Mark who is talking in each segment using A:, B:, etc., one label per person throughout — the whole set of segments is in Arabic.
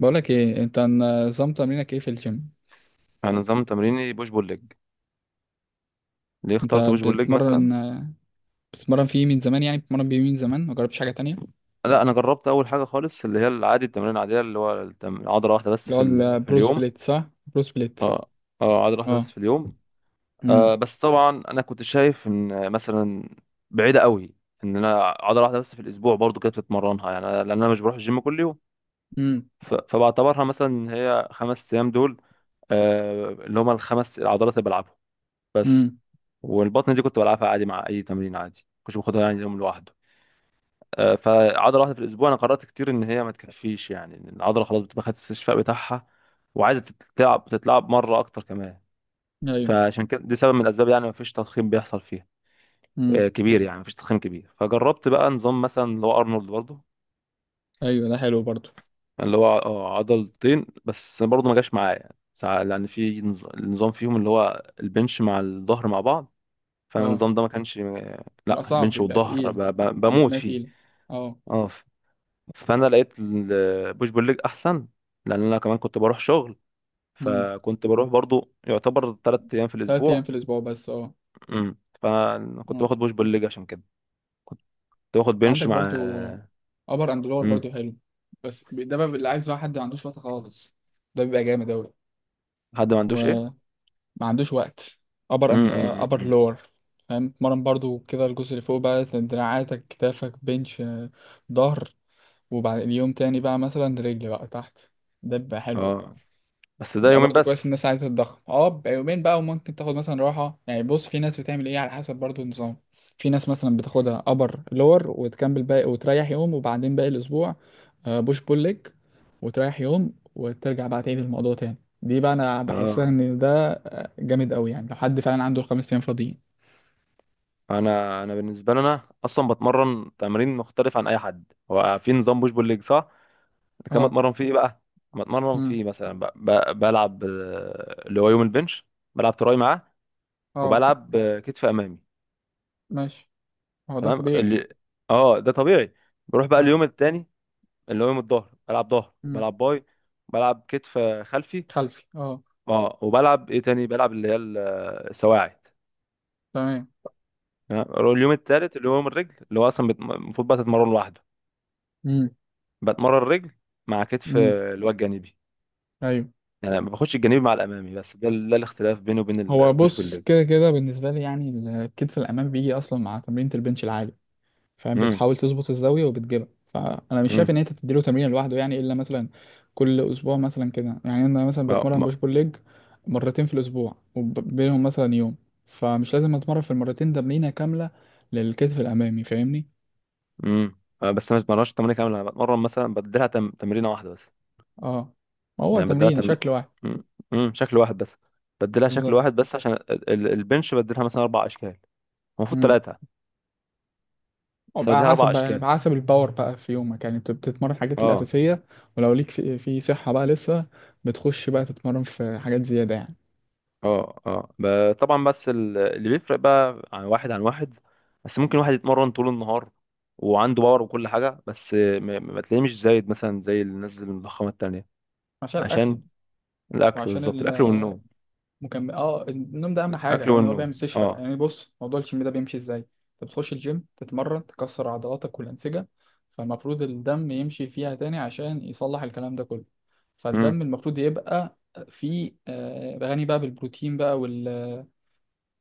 A: بقولك ايه انت؟ نظام تمرينك ايه في الجيم؟
B: انا نظام تمريني بوش بول ليج. ليه
A: انت
B: اخترت بوش بول ليج مثلا؟
A: بتتمرن بتتمرن فيه من زمان؟ يعني بتتمرن بيه من زمان ما جربتش حاجه تانية؟
B: لا، انا جربت اول حاجه خالص اللي هي العادي، التمرين العاديه اللي هو عضله واحده بس
A: اللي هو
B: في
A: البرو
B: اليوم.
A: سبليت، صح؟ برو سبليت.
B: اه. اه، عضله واحده بس
A: اه
B: في اليوم.
A: امم
B: بس طبعا انا كنت شايف ان مثلا بعيده قوي، ان انا عضله واحده بس في الاسبوع برضو كده بتتمرنها يعني لان انا مش بروح الجيم كل يوم.
A: امم
B: فبعتبرها مثلا إن هي خمس ايام دول، آه اللي هما الخمس العضلات اللي بلعبهم بس.
A: امم
B: والبطن دي كنت بلعبها عادي مع اي تمرين عادي، كنتش باخدها يعني يوم لوحده. فعضله واحده في الاسبوع انا قررت كتير ان هي ما تكفيش، يعني ان العضله خلاص بتبقى خدت الاستشفاء بتاعها وعايزه تتلعب تتلعب مره اكتر كمان.
A: ايوه.
B: فعشان كده دي سبب من الاسباب، يعني ما فيش تضخيم بيحصل فيها
A: امم.
B: كبير. يعني ما فيش تضخيم كبير. فجربت بقى نظام مثلا اللي هو ارنولد برضه،
A: ايوه، ده حلو برضو.
B: اللي هو عضلتين بس. برضه ما جاش معايا يعني لان في نظام فيهم اللي هو البنش مع الظهر مع بعض.
A: اه،
B: فالنظام ده ما كانش لا
A: بيبقى صعب،
B: بنش
A: بيبقى
B: والظهر
A: تقيل،
B: بموت
A: ما
B: فيه.
A: تقيل. اه.
B: اه، فانا لقيت البوش بول ليج احسن، لان انا كمان كنت بروح شغل،
A: امم.
B: فكنت بروح برضو يعتبر ثلاث ايام في
A: تلات
B: الاسبوع.
A: ايام في الاسبوع بس؟ اه.
B: امم، فكنت
A: اه،
B: باخد بوش بول ليج عشان كده. كنت باخد بنش
A: عندك
B: مع.
A: برضو ابر اند لور،
B: امم.
A: برضو حلو، بس ده بقى اللي عايز بقى حد ما عندوش وقت خالص، ده بيبقى جامد
B: حد ما عندوش
A: اوي.
B: ايه؟
A: ما عندوش وقت، ابر
B: امم.
A: ان
B: أمم،
A: ابر
B: أمم.
A: لور. فاهم؟ اتمرن برضو كده الجزء اللي فوق بقى، دراعاتك، كتافك، بنش، ظهر، وبعد اليوم تاني بقى مثلا رجل بقى تحت، ده بيبقى حلو.
B: اه، بس ده
A: بقى
B: يومين
A: برضو كويس،
B: بس.
A: الناس عايزة تتضخم، اه بقى يومين بقى، وممكن تاخد مثلا راحة. يعني بص، في ناس بتعمل ايه على حسب برضو النظام. في ناس مثلا بتاخدها ابر لور وتكمل باقي وتريح يوم، وبعدين باقي الاسبوع بوش بول ليج، وتريح يوم، وترجع بقى تعيد الموضوع تاني. دي بقى انا بحسها
B: اه،
A: ان ده جامد قوي، يعني لو حد فعلا عنده الخمس ايام فاضيين.
B: انا بالنسبه لي انا اصلا بتمرن تمرين مختلف عن اي حد. هو في نظام بوش بول ليج صح، أنا كمان
A: اه.
B: بتمرن فيه إيه بقى. بتمرن
A: امم.
B: فيه مثلا بلعب اللي هو يوم البنش. بلعب تراي معاه
A: اه.
B: وبلعب كتف امامي.
A: ماشي، هو ده
B: تمام
A: طبيعي.
B: اللي. اه ده طبيعي. بروح بقى
A: اه.
B: اليوم التاني اللي هو يوم الظهر. بلعب ظهر،
A: امم.
B: بلعب باي، بلعب كتف خلفي.
A: خلفي، اه.
B: اه، وبلعب ايه تاني؟ بلعب اللي هي السواعد.
A: تمام.
B: تمام. اليوم التالت اللي هو يوم الرجل اللي هو اصلا المفروض بقى تتمرن لوحده.
A: امم.
B: بتمرن الرجل مع كتف
A: امم.
B: اللي هو الجانبي.
A: ايوه.
B: يعني ما باخدش الجانبي مع الامامي. بس ده الاختلاف بيني وبين
A: هو
B: البوش بول
A: بص،
B: ليج.
A: كده كده بالنسبة لي يعني، الكتف الأمام بيجي أصلا مع تمرينة البنش العالي. فاهم؟
B: امم.
A: بتحاول تظبط الزاوية وبتجيبها، فأنا مش شايف
B: امم.
A: إن أنت تديله تمرين لوحده يعني، إلا مثلا كل أسبوع مثلا كده. يعني أنا مثلا
B: اه
A: بتمرن
B: ما-
A: بوش بول ليج مرتين في الأسبوع، وبينهم مثلا يوم، فمش لازم أتمرن في المرتين تمرينة كاملة للكتف الأمامي. فاهمني؟
B: امم. بس انا ما بتمرنش تمرين كامل، انا بتمرن مثلا بديلها تمرينه واحده بس.
A: أه، ما هو
B: يعني
A: تمرين شكل واحد.
B: مم. مم. شكل واحد بس. بدلها شكل
A: بالظبط.
B: واحد بس عشان البنش بدلها مثلا اربع اشكال. المفروض ثلاثه بس
A: وبقى
B: بدلها
A: حسب
B: اربع
A: بقى، يعني
B: اشكال.
A: بقى حسب الباور بقى في يومك، يعني بتتمرن حاجات
B: اه.
A: الأساسية، ولو ليك في صحة بقى لسه بتخش بقى تتمرن في حاجات زيادة يعني.
B: اه. اه طبعا. بس اللي بيفرق بقى عن واحد عن واحد، بس ممكن واحد يتمرن طول النهار وعنده باور وكل حاجه، بس ما تلاقيه مش زايد مثلا زي الناس المضخمه التانيه.
A: عشان الأكل.
B: عشان الاكل.
A: وعشان
B: بالظبط، الاكل والنوم.
A: المكمل. اه، النوم ده أهم حاجة
B: الاكل
A: يعني، هو بيعمل
B: والنوم
A: استشفاء.
B: اه.
A: يعني بص، موضوع الجيم ده بيمشي ازاي؟ انت بتخش الجيم تتمرن، تكسر عضلاتك والأنسجة، فالمفروض الدم يمشي فيها تاني عشان يصلح الكلام ده كله.
B: امم.
A: فالدم المفروض يبقى فيه غني بقى بالبروتين بقى،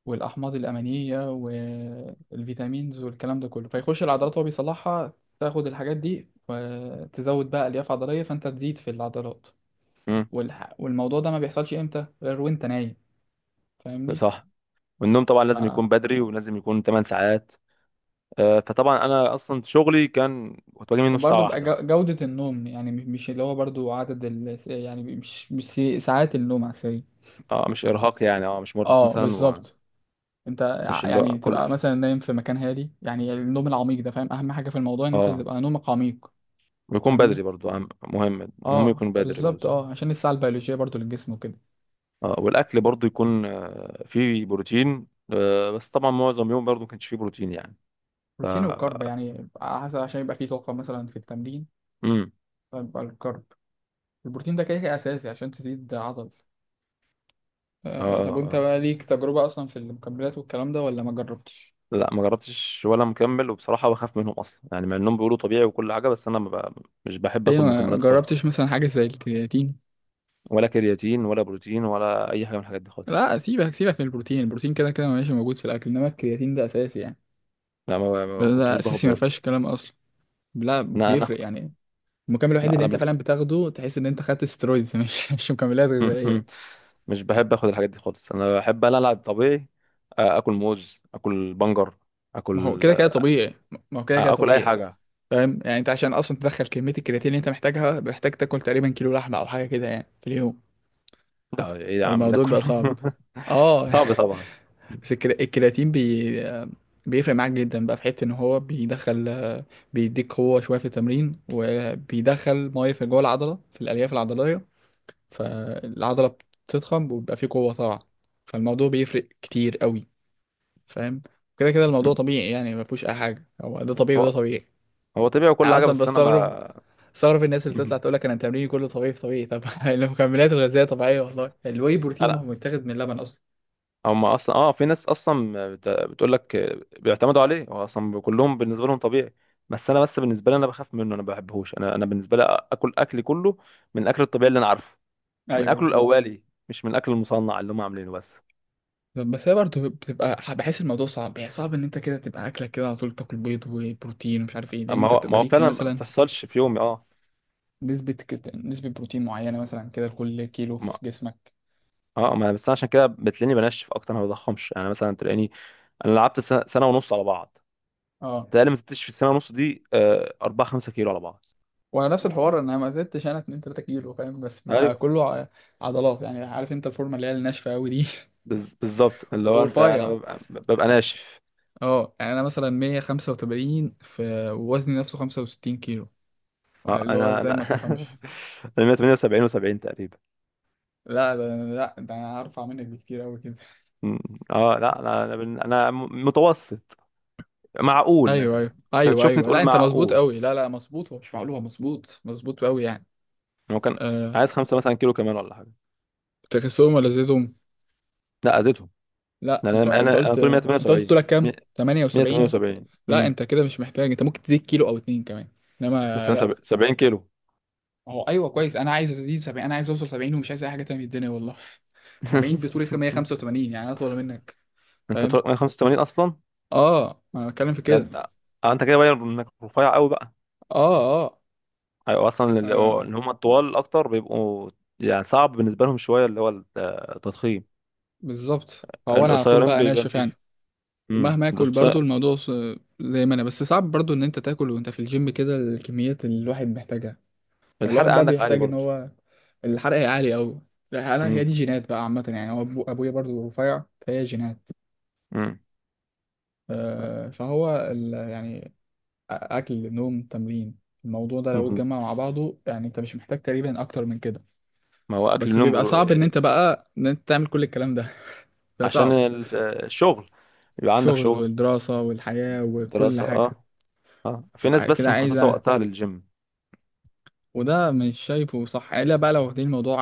A: والاحماض الامينيه والفيتامينز والكلام ده كله، فيخش العضلات وهو بيصلحها، تاخد الحاجات دي وتزود بقى الياف عضليه فانت تزيد في العضلات.
B: امم.
A: والموضوع ده ما بيحصلش امتى غير وانت نايم. فاهمني؟
B: صح. والنوم طبعا
A: ف...
B: لازم يكون بدري، ولازم يكون 8 ساعات. فطبعا انا اصلا شغلي كان كنت باجي منه الساعه
A: وبرضه بقى
B: واحدة.
A: جودة النوم يعني، مش اللي هو برضه عدد يعني، مش ساعات النوم عشان.
B: اه، مش ارهاق يعني. اه، مش مرهق
A: اه،
B: مثلا ومش.
A: بالظبط. انت
B: اللي هو
A: يعني تبقى
B: كل.
A: مثلا نايم في مكان هادي، يعني النوم العميق ده. فاهم؟ اهم حاجة في الموضوع ان انت
B: اه
A: تبقى نومك عميق.
B: ويكون
A: فاهمني؟
B: بدري برضو مهم. المهم
A: اه،
B: يكون بدري برضو.
A: بالظبط، اه، عشان الساعة البيولوجية برضو للجسم وكده.
B: اه، والاكل برضو يكون فيه بروتين. بس طبعا معظم يوم برضو ما كانش فيه بروتين يعني. ف
A: بروتين وكارب يعني، على حسب، عشان يبقى فيه طاقة مثلا في التمرين،
B: امم.
A: فيبقى الكارب. البروتين ده كده كده أساسي عشان تزيد عضل.
B: اه.
A: آه، طب وانت بقى ليك تجربة أصلا في المكملات والكلام ده، ولا ما جربتش؟
B: لا ما جربتش ولا مكمل، وبصراحه بخاف منهم اصلا يعني. مع انهم بيقولوا طبيعي وكل حاجه، بس انا ما ب... مش بحب
A: ليه
B: اخد
A: ما
B: مكملات خالص.
A: جربتش مثلا حاجة زي الكرياتين؟
B: ولا كرياتين ولا بروتين ولا اي حاجه من الحاجات دي خالص.
A: لا سيبك، سيبك من البروتين، البروتين كده كده ماشي، موجود في الأكل، إنما الكرياتين ده أساسي يعني.
B: لا ما
A: ده,
B: ما
A: ده
B: كنتوش باخد
A: أساسي، ما
B: برضه.
A: فيهاش كلام أصلا. لا،
B: انا
A: بيفرق يعني. المكمل الوحيد
B: لا
A: اللي انت
B: انا
A: فعلا بتاخده تحس ان انت خدت سترويدز. مش مش مكملات
B: من...
A: غذائية.
B: مش بحب اخد الحاجات دي خالص، انا بحب انا العب طبيعي. اكل موز، اكل بنجر،
A: ما هو
B: اكل
A: كده كده طبيعي. ما هو كده كده
B: اكل اي
A: طبيعي.
B: حاجه.
A: فاهم يعني؟ انت عشان اصلا تدخل كميه الكرياتين اللي انت محتاجها، محتاج تاكل تقريبا كيلو لحمه او حاجه كده يعني في اليوم،
B: ده ايه يا عم ده
A: فالموضوع
B: كله!
A: بقى صعب. اه
B: صعب طبعا.
A: بس الكرياتين بيفرق معاك جدا بقى، في حته ان هو بيدخل، بيديك قوه شويه في التمرين، وبيدخل ميه في جوه العضله في الالياف العضليه، فالعضله بتضخم وبيبقى فيه قوه طبعا، فالموضوع بيفرق كتير قوي. فاهم؟ كده كده الموضوع طبيعي يعني، ما فيهوش اي حاجه، هو ده طبيعي وده
B: هو
A: طبيعي.
B: هو طبيعي وكل
A: انا
B: حاجه
A: اصلا
B: بس انا
A: بستغرب،
B: ما.
A: استغرب الناس اللي تطلع تقول لك انا تمريني كله طبيعي، في طبيعي؟ طب المكملات الغذائيه طبيعيه والله، الواي بروتين ما هو
B: انا.
A: متاخد من اللبن اصلا.
B: هم اصلا اه في ناس اصلا بتقول لك بيعتمدوا عليه، هو اصلا كلهم بالنسبه لهم طبيعي. بس انا بس بالنسبه لي انا بخاف منه، انا ما بحبهوش. انا بالنسبه لي اكل اكلي كله من الاكل الطبيعي اللي انا عارفه، من
A: ايوه
B: اكله
A: بالظبط.
B: الاولي، مش من الاكل المصنع اللي هم عاملينه بس.
A: طب بس هي برضه بتبقى، بحس الموضوع صعب يعني، صعب ان انت كده تبقى اكلك كده على طول تاكل بيض وبروتين ومش عارف ايه، لان
B: ما
A: انت
B: هو ما
A: بتبقى
B: هو
A: ليك
B: فعلا ما
A: مثلا
B: بتحصلش في يومي اه.
A: نسبه بروتين معينه مثلا كده لكل كيلو
B: ما.
A: في جسمك.
B: اه ما بس أنا عشان كده بتلاقيني بنشف اكتر ما بضخمش، يعني مثلا تلاقيني. انا لعبت سنة ونص على بعض
A: اه،
B: تقريبا. ما زدتش في السنه ونص دي 4 5 كيلو على بعض.
A: وانا نفس الحوار، انا ما زدتش انا 2 3 كيلو. فاهم؟ بس بقى
B: ايوه.
A: كله عضلات يعني، عارف انت الفورمه اللي هي الناشفه قوي دي.
B: بالظبط اللي هو انت. انا
A: ورفيع.
B: ببقى ناشف.
A: اه يعني انا مثلا 185 في ووزني نفسه 65 كيلو،
B: اه،
A: اللي هو
B: انا
A: ازاي
B: انا
A: ما تفهمش.
B: انا 178 و70 تقريبا.
A: لا ده، لا ده انا هرفع منك بكتير قوي كده.
B: م- اه لا لا، انا انا متوسط. معقول
A: ايوه ايوه
B: مثلا؟ انت
A: ايوه
B: تشوفني
A: ايوه. لا
B: تقول
A: انت مظبوط
B: معقول.
A: قوي، لا لا، مظبوط، ومش معقول، مظبوط، مظبوط قوي يعني.
B: هو كان
A: أه.
B: عايز خمسة مثلا كيلو كمان ولا حاجة.
A: تكسهم ولا زيتهم؟
B: لا، أذيتهم.
A: لا،
B: لأن
A: انت
B: أنا
A: انت
B: أنا أنا
A: قلت.
B: طولي 178
A: انت قلت طولك كام،
B: مية-
A: 78؟
B: 178.
A: لا
B: امم.
A: انت كده مش محتاج، انت ممكن تزيد كيلو او اتنين كمان،
B: بس
A: انما
B: أنا
A: لا.
B: 70 كيلو.
A: هو ايوه كويس، انا عايز ازيد 70، انا عايز اوصل 70 ومش عايز اي حاجه تانية من الدنيا والله. 70 بطولي 185، يعني اطول منك.
B: أنت
A: فاهم؟
B: طولك 185 أصلا.
A: اه انا بتكلم في
B: ده
A: كده.
B: ده- أنت كده باين إنك رفيع قوي بقى.
A: اه اه,
B: أيوة، أصلا
A: آه
B: اللي هم الطوال أكتر بيبقوا يعني صعب بالنسبة لهم شوية اللي هو التضخيم.
A: بالظبط. هو انا على طول
B: القصيرين
A: بقى
B: بيبان
A: ناشف
B: فيه.
A: يعني،
B: امم.
A: ومهما اكل
B: القصير.
A: برضو الموضوع زي ما انا، بس صعب برضو ان انت تاكل وانت في الجيم كده الكميات اللي الواحد محتاجها،
B: الحرق
A: فالواحد بقى
B: عندك عالي
A: بيحتاج ان
B: برضه.
A: هو. الحرق عالي قوي. لا انا هي
B: امم.
A: دي جينات بقى عامه يعني، هو أبو ابويا برضو رفيع فهي جينات.
B: امم.
A: آه فهو ال يعني، اكل نوم تمرين، الموضوع ده لو اتجمع مع بعضه، يعني انت مش محتاج تقريبا اكتر من كده،
B: ما هو
A: بس بيبقى صعب ان انت بقى ان انت تعمل كل الكلام ده. ده
B: عشان
A: صعب.
B: الشغل. يبقى عندك
A: الشغل
B: شغل.
A: والدراسة والحياة وكل
B: دراسة
A: حاجة
B: اه. اه في ناس
A: بتبقى
B: بس
A: كده
B: مخصصه
A: عايزة،
B: وقتها للجيم.
A: وده مش شايفه صح الا بقى لو واخدين الموضوع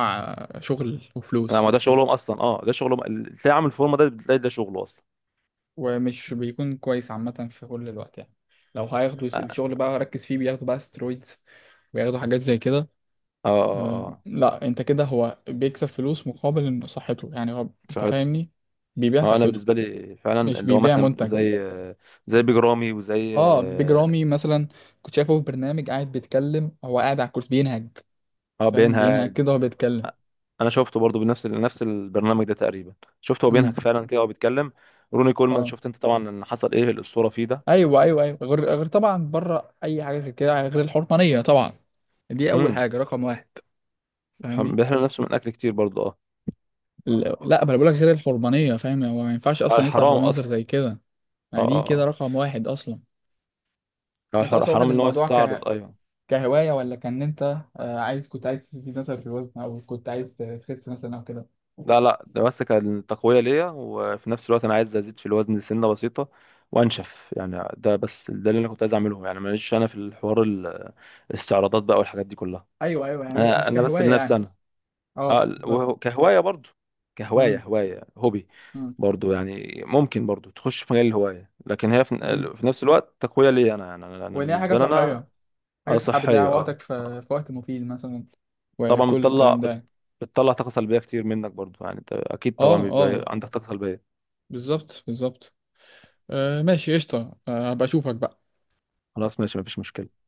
A: شغل
B: لا
A: وفلوس.
B: ما ده شغلهم اصلا. اه ده شغلهم تلاقي عامل فورمه، ده بتلاقي ده شغله اصلا.
A: ومش بيكون كويس عامة في كل الوقت يعني، لو هياخدوا
B: اه.
A: الشغل بقى ركز فيه، بياخدوا بقى سترويدز وياخدوا حاجات زي كده.
B: اه.
A: أه
B: اه.
A: لا، انت كده هو بيكسب فلوس مقابل إن صحته، يعني هو، انت
B: صحته.
A: فاهمني، بيبيع
B: اه انا
A: صحته،
B: بالنسبه لي فعلا
A: مش
B: اللي هو
A: بيبيع
B: مثلا
A: منتج.
B: زي، زي بيج رامي وزي
A: اه، بيج
B: اه
A: رامي مثلا، كنت شايفه في برنامج قاعد بيتكلم، هو قاعد على الكرسي بينهج، فاهم؟ بينهج
B: بينهج.
A: كده وهو بيتكلم.
B: انا شفته برضو بنفس نفس البرنامج ده تقريبا، شفته هو بينهج
A: امم.
B: فعلا كده وهو بيتكلم. روني كولمان
A: اه.
B: شفت انت طبعا ان حصل ايه الاسطوره فيه ده.
A: ايوه ايوه ايوه، غير غير طبعا، بره اي حاجه، غير كده، غير الحرمانيه طبعا، دي اول
B: امم.
A: حاجه رقم واحد. فاهمني؟
B: بيحرم نفسه من اكل كتير برضو اه.
A: لا ما انا بقولك غير الحرمانيه. فاهم؟ هو ما ينفعش اصلا يطلع
B: الحرام
A: بمنظر
B: اصلا.
A: زي كده،
B: اه.
A: يعني دي كده
B: اه.
A: رقم واحد اصلا.
B: اه
A: انت اصلا واخد
B: حرام ان هو
A: الموضوع
B: يستعرض، ايوه.
A: كهوايه، ولا كان انت عايز، كنت عايز تزيد مثلا في الوزن، او كنت عايز تخس مثلا او كده؟
B: لا لا ده بس كان تقوية ليا، وفي نفس الوقت أنا عايز أزيد في الوزن سنة بسيطة وأنشف يعني. ده بس ده اللي أنا كنت عايز أعمله يعني. ماليش أنا في الحوار الاستعراضات بقى والحاجات دي كلها.
A: ايوه ايوه، يعني
B: مم.
A: مش
B: أنا
A: مش
B: أنا بس
A: كهوايه
B: لنفسي
A: يعني.
B: أنا.
A: اه
B: أه
A: بالظبط.
B: وهو، كهواية برضو، كهواية،
A: امم.
B: هواية، هوبي
A: امم.
B: برضو يعني. ممكن برضو تخش في مجال الهواية، لكن هي في،
A: امم.
B: في نفس الوقت تقوية ليا أنا. يعني أنا
A: وان هي حاجه
B: بالنسبة لي أنا.
A: صحيه، حاجه
B: أه
A: صحيه بتضيع
B: صحية، أه
A: وقتك في
B: آه.
A: في وقت مفيد مثلا،
B: طبعا
A: وكل الكلام ده يعني.
B: بتطلع طاقة سلبية كتير منك برضو. يعني أنت أكيد
A: اه
B: طبعا بيبقى
A: اه،
B: عندك طاقة سلبية.
A: بالظبط بالظبط. آه ماشي، قشطه. هبقى اشوفك بقى.
B: خلاص ماشي، مفيش مشكلة.